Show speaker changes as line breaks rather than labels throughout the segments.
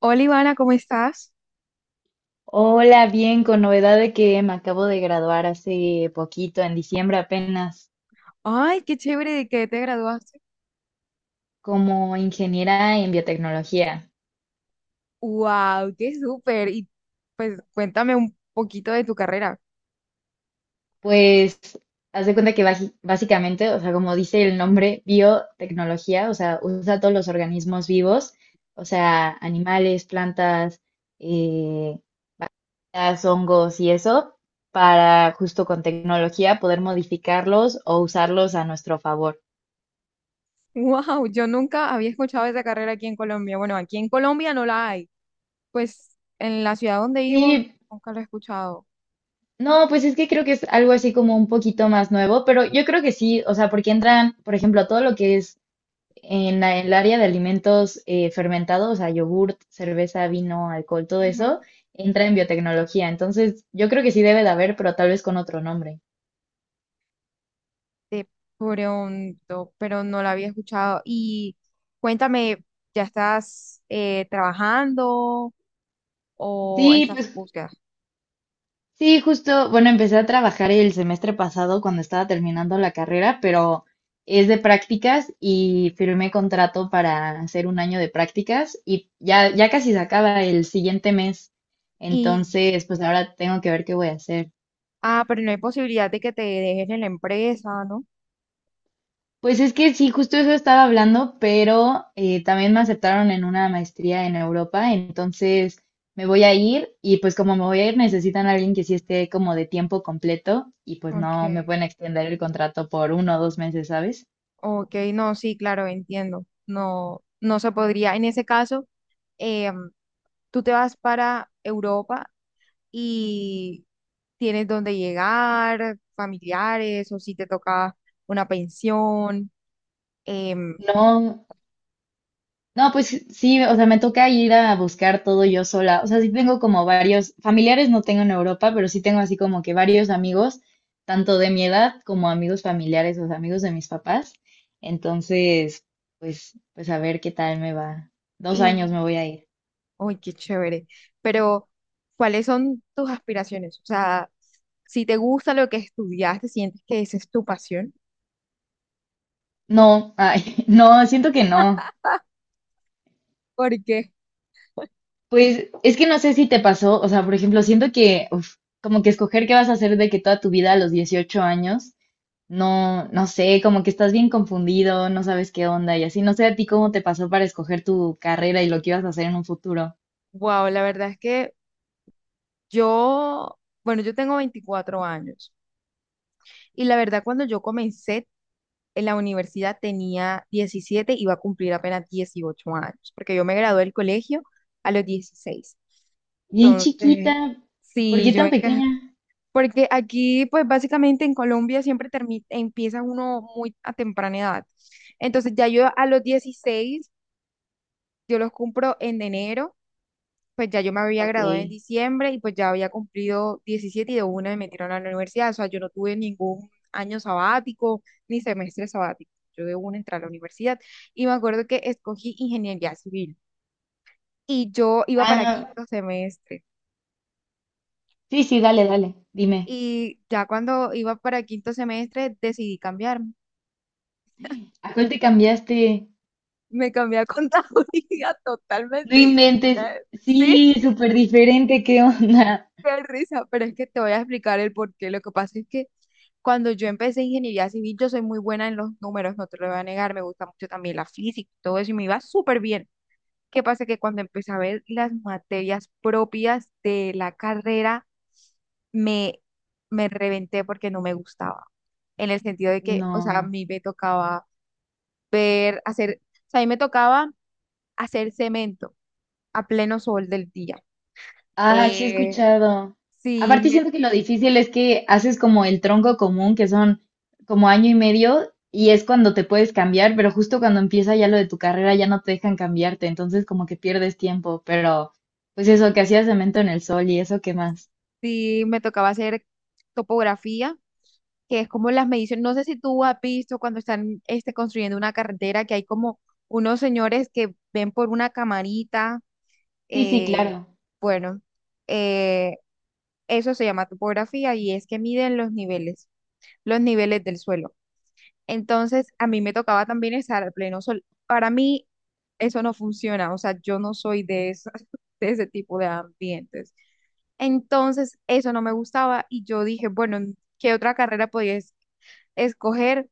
Hola Ivana, ¿cómo estás?
Hola, bien, con novedad de que me acabo de graduar hace poquito, en diciembre apenas,
Ay, qué chévere de que te graduaste.
como ingeniera en biotecnología.
Wow, qué súper. Y pues cuéntame un poquito de tu carrera.
Pues, haz de cuenta que básicamente, o sea, como dice el nombre, biotecnología, o sea, usa todos los organismos vivos, o sea, animales, plantas, eh, las hongos y eso, para justo con tecnología poder modificarlos o usarlos a nuestro favor.
Wow, yo nunca había escuchado esa carrera aquí en Colombia. Bueno, aquí en Colombia no la hay. Pues en la ciudad donde vivo
Sí.
nunca la he escuchado.
No, pues es que creo que es algo así como un poquito más nuevo, pero yo creo que sí, o sea, porque entran, por ejemplo, todo lo que es en el área de alimentos fermentados, o sea, yogurt, cerveza, vino, alcohol, todo
Ujú.
eso, entra en biotecnología. Entonces, yo creo que sí debe de haber, pero tal vez con otro nombre.
De pronto, pero no la había escuchado. Y cuéntame, ¿ya estás trabajando o
Sí.
estás en búsqueda?
Sí, justo, bueno, empecé a trabajar el semestre pasado cuando estaba terminando la carrera, pero es de prácticas y firmé contrato para hacer un año de prácticas y ya, ya casi se acaba el siguiente mes.
Y,
Entonces, pues ahora tengo que ver qué voy a hacer.
ah, pero no hay posibilidad de que te dejes en la empresa, ¿no?
Pues es que sí, justo eso estaba hablando, pero también me aceptaron en una maestría en Europa, entonces me voy a ir y pues como me voy a ir necesitan a alguien que sí esté como de tiempo completo y pues no me
Okay,
pueden extender el contrato por 1 o 2 meses, ¿sabes?
ok, no, sí, claro, entiendo. No, no se podría. En ese caso, em, tú te vas para Europa y tienes dónde llegar, familiares, o si te toca una pensión, em,
No. No, pues sí, o sea, me toca ir a buscar todo yo sola. O sea, sí tengo como varios, familiares no tengo en Europa, pero sí tengo así como que varios amigos, tanto de mi edad como amigos familiares, o sea, amigos de mis papás. Entonces, pues, pues a ver qué tal me va. 2 años me
y,
voy a ir.
uy, qué chévere. Pero, ¿cuáles son tus aspiraciones? O sea, si te gusta lo que estudiaste, sientes que esa es tu pasión,
No, ay, no, siento que no.
porque,
Pues es que no sé si te pasó, o sea, por ejemplo, siento que, uf, como que escoger qué vas a hacer de que toda tu vida a los 18 años. No, no sé, como que estás bien confundido, no sabes qué onda y así. No sé a ti cómo te pasó para escoger tu carrera y lo que ibas a hacer en un futuro.
wow, la verdad es que yo, bueno, yo tengo 24 años. Y la verdad cuando yo comencé en la universidad tenía 17, iba a cumplir apenas 18 años, porque yo me gradué del colegio a los 16.
Bien chiquita,
Entonces,
¿por
sí,
qué tan pequeña?
porque aquí, pues básicamente en Colombia siempre empieza uno muy a temprana edad. Entonces, ya yo a los 16, yo los cumplo en enero, pues ya yo me había
Ok.
graduado en diciembre y pues ya había cumplido 17 y de una me metieron a la universidad. O sea, yo no tuve ningún año sabático ni semestre sabático. Yo de una entré a la universidad y me acuerdo que escogí ingeniería civil y yo iba para
Ah,
quinto semestre.
sí, sí, dale, dale, dime.
Y ya cuando iba para quinto semestre decidí cambiarme.
¿A cuál te cambiaste?
Me cambié a contaduría
No
totalmente
inventes.
diferente. Sí.
Sí, súper diferente, ¿qué onda?
Qué risa, pero es que te voy a explicar el por qué. Lo que pasa es que cuando yo empecé ingeniería civil, yo soy muy buena en los números, no te lo voy a negar, me gusta mucho también la física y todo eso, y me iba súper bien. ¿Qué pasa? Que cuando empecé a ver las materias propias de la carrera, me, me reventé porque no me gustaba. En el sentido de que, o sea, a
No.
mí me tocaba ver, hacer, o sea, a mí me tocaba hacer cemento a pleno sol del día.
Ah, sí, he
Eh,
escuchado.
sí,
Aparte
me
siento que lo difícil es que haces como el tronco común, que son como año y medio, y es cuando te puedes cambiar, pero justo cuando empieza ya lo de tu carrera ya no te dejan cambiarte, entonces como que pierdes tiempo, pero pues eso, que hacías cemento en el sol y eso, ¿qué más?
Sí, me tocaba hacer topografía, que es como las mediciones. No sé si tú has visto cuando están construyendo una carretera que hay como unos señores que ven por una camarita.
Sí, sí,
eh,
claro.
bueno, eh, eso se llama topografía y es que miden los niveles, del suelo. Entonces, a mí me tocaba también estar al pleno sol. Para mí, eso no funciona, o sea, yo no soy de, de ese tipo de ambientes. Entonces, eso no me gustaba y yo dije, bueno, ¿qué otra carrera podía escoger,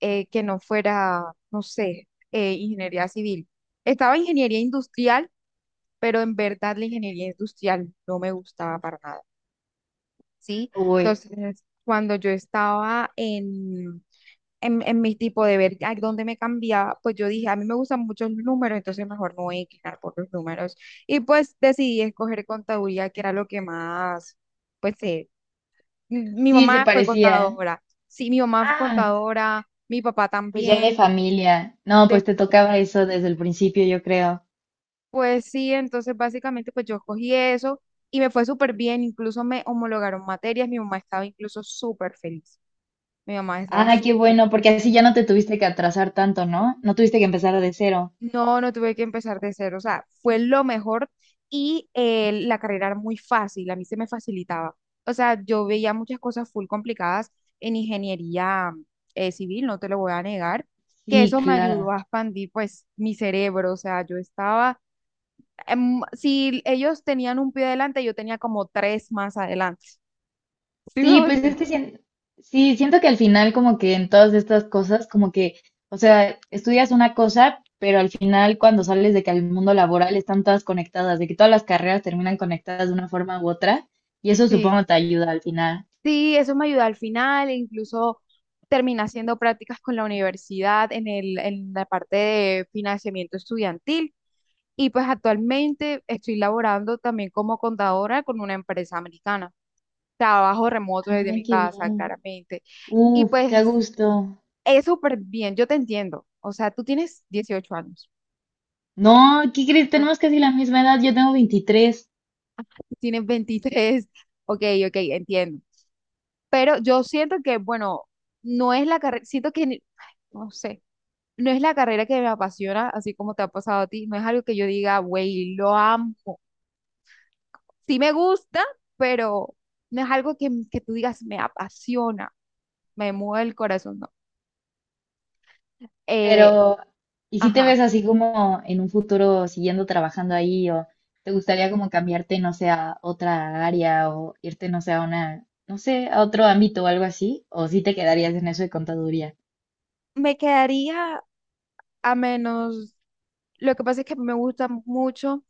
que no fuera, no sé, ingeniería civil? Estaba ingeniería industrial, pero en verdad la ingeniería industrial no me gustaba para nada, ¿sí?
Uy,
Entonces, cuando yo estaba en mi tipo de ver a dónde me cambiaba, pues yo dije, a mí me gustan muchos números, entonces mejor no voy a inclinar por los números. Y pues decidí escoger contaduría, que era lo que más, pues mi
sí, se
mamá fue
parecía.
contadora, sí, mi mamá fue
Ah,
contadora, mi papá
pues ya de
también.
familia. No,
de-
pues te tocaba eso desde el principio, yo creo.
pues sí, entonces básicamente pues yo escogí eso y me fue súper bien, incluso me homologaron materias, mi mamá estaba incluso súper feliz, mi mamá estaba
Ah, qué
súper.
bueno, porque así ya no te tuviste que atrasar tanto, ¿no? No tuviste que empezar de cero.
No, no tuve que empezar de cero, o sea, fue lo mejor y la carrera era muy fácil, a mí se me facilitaba. O sea, yo veía muchas cosas full complicadas en ingeniería civil, no te lo voy a negar, que
Sí,
eso me ayudó
claro.
a expandir pues mi cerebro. O sea, yo estaba, si ellos tenían un pie adelante, yo tenía como tres más adelante. ¿Sí me
Sí,
voy a
pues es
entender?
que sí, siento que al final como que en todas estas cosas, como que, o sea, estudias una cosa, pero al final cuando sales de que al mundo laboral están todas conectadas, de que todas las carreras terminan conectadas de una forma u otra, y eso
Sí.
supongo te ayuda al final.
Sí, eso me ayudó al final, incluso terminé haciendo prácticas con la universidad en la parte de financiamiento estudiantil y pues actualmente estoy laborando también como contadora con una empresa americana. Trabajo remoto desde
Ay,
mi
qué
casa,
bien.
claramente. Y
Uf, qué a
pues
gusto.
es súper bien, yo te entiendo. O sea, tú tienes 18 años,
No, ¿qué crees?
yo-
Tenemos casi la misma edad, yo tengo 23.
tú tienes 23. Ok, ok, entiendo. Pero yo siento que, bueno, no es la carrera, siento que, ay, no sé. No es la carrera que me apasiona, así como te ha pasado a ti, no es algo que yo diga, güey, lo amo. Sí me gusta, pero no es algo que, tú digas, me apasiona, me mueve el corazón, no. Eh,
Pero, ¿y si te
ajá,
ves así como en un futuro siguiendo trabajando ahí o te gustaría como cambiarte, no sé, a otra área o irte, no sé, a una, no sé, a otro ámbito o algo así? ¿O si te quedarías en eso de contaduría?
me quedaría a menos. Lo que pasa es que me gusta mucho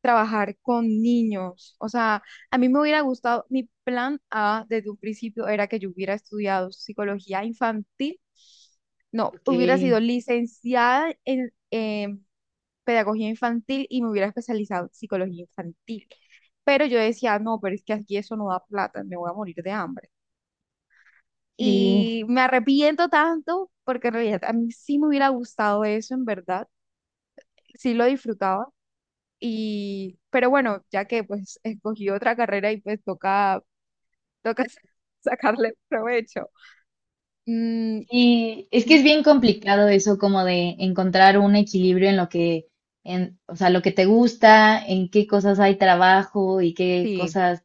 trabajar con niños. O sea, a mí me hubiera gustado, mi plan A desde un principio era que yo hubiera estudiado psicología infantil. No, hubiera sido
Porque.
licenciada en pedagogía infantil y me hubiera especializado en psicología infantil. Pero yo decía, no, pero es que aquí eso no da plata, me voy a morir de hambre.
Sí,
Y me arrepiento tanto porque en realidad a mí sí me hubiera gustado eso, en verdad, sí lo disfrutaba y, pero bueno, ya que pues escogí otra carrera y pues toca, toca sacarle provecho. Mm,
sí, es que
mm,
es bien complicado eso como de encontrar un equilibrio en lo que, en, o sea, lo que te gusta, en qué cosas hay trabajo y qué
sí,
cosas,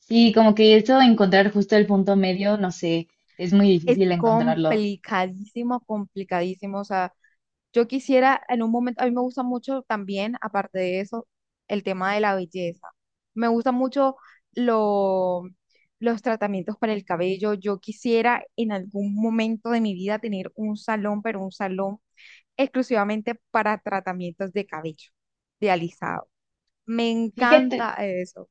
sí, como que eso de encontrar justo el punto medio, no sé, es muy
es
difícil encontrarlo.
complicadísimo, complicadísimo. O sea, yo quisiera en un momento, a mí me gusta mucho también, aparte de eso, el tema de la belleza. Me gusta mucho lo, los tratamientos para el cabello. Yo quisiera en algún momento de mi vida tener un salón, pero un salón exclusivamente para tratamientos de cabello, de alisado. Me
Fíjate,
encanta eso.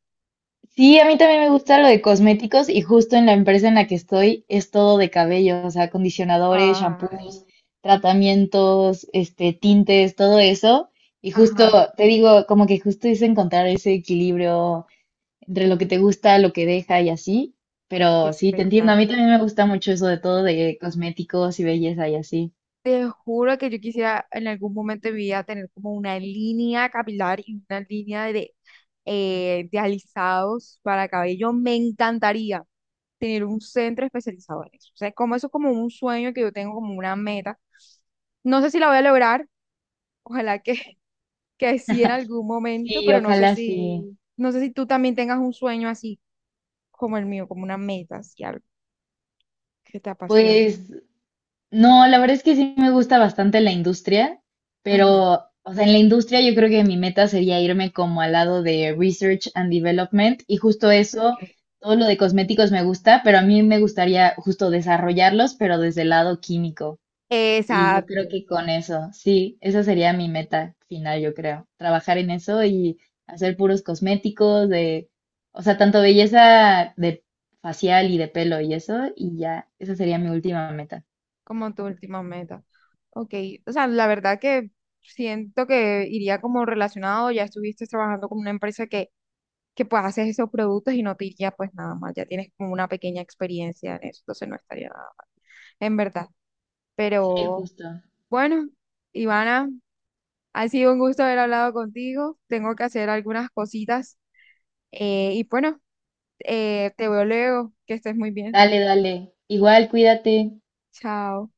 sí, a mí también me gusta lo de cosméticos y justo en la empresa en la que estoy es todo de cabello, o sea, acondicionadores,
Ay,
shampoos, tratamientos, este, tintes, todo eso. Y justo,
ajá,
te digo, como que justo es encontrar ese equilibrio entre lo que te gusta, lo que deja y así.
ay, qué
Pero sí, te entiendo, a mí
espectáculo.
también me gusta mucho eso de todo de cosméticos y belleza y así.
Te juro que yo quisiera en algún momento de mi vida tener como una línea capilar y una línea de alisados para cabello. Me encantaría tener un centro especializado en eso. O sea, como eso es como un sueño que yo tengo, como una meta. No sé si la voy a lograr. Ojalá que sí en algún momento,
Sí,
pero
ojalá sí.
no sé si tú también tengas un sueño así como el mío, como una meta, así algo que te apasione.
Pues, no, la verdad es que sí me gusta bastante la industria,
Ujú.
pero, o sea, en la industria yo creo que mi meta sería irme como al lado de research and development y justo eso,
Ok.
todo lo de cosméticos me gusta, pero a mí me gustaría justo desarrollarlos, pero desde el lado químico. Y yo creo
Exacto,
que con eso, sí, esa sería mi meta final, yo creo, trabajar en eso y hacer puros cosméticos de, o sea, tanto belleza de facial y de pelo y eso, y ya, esa sería mi última meta.
como tu última meta. Ok, o sea, la verdad que siento que iría como relacionado, ya estuviste trabajando con una empresa que pues haces esos productos y no te iría pues nada más, ya tienes como una pequeña experiencia en eso, entonces no estaría nada, mal, en verdad.
Sí,
Pero
justo.
bueno, Ivana. Ha sido un gusto haber hablado contigo. Tengo que hacer algunas cositas. Y bueno, te veo luego. Que estés muy bien.
Dale, dale. Igual, cuídate.
Chao.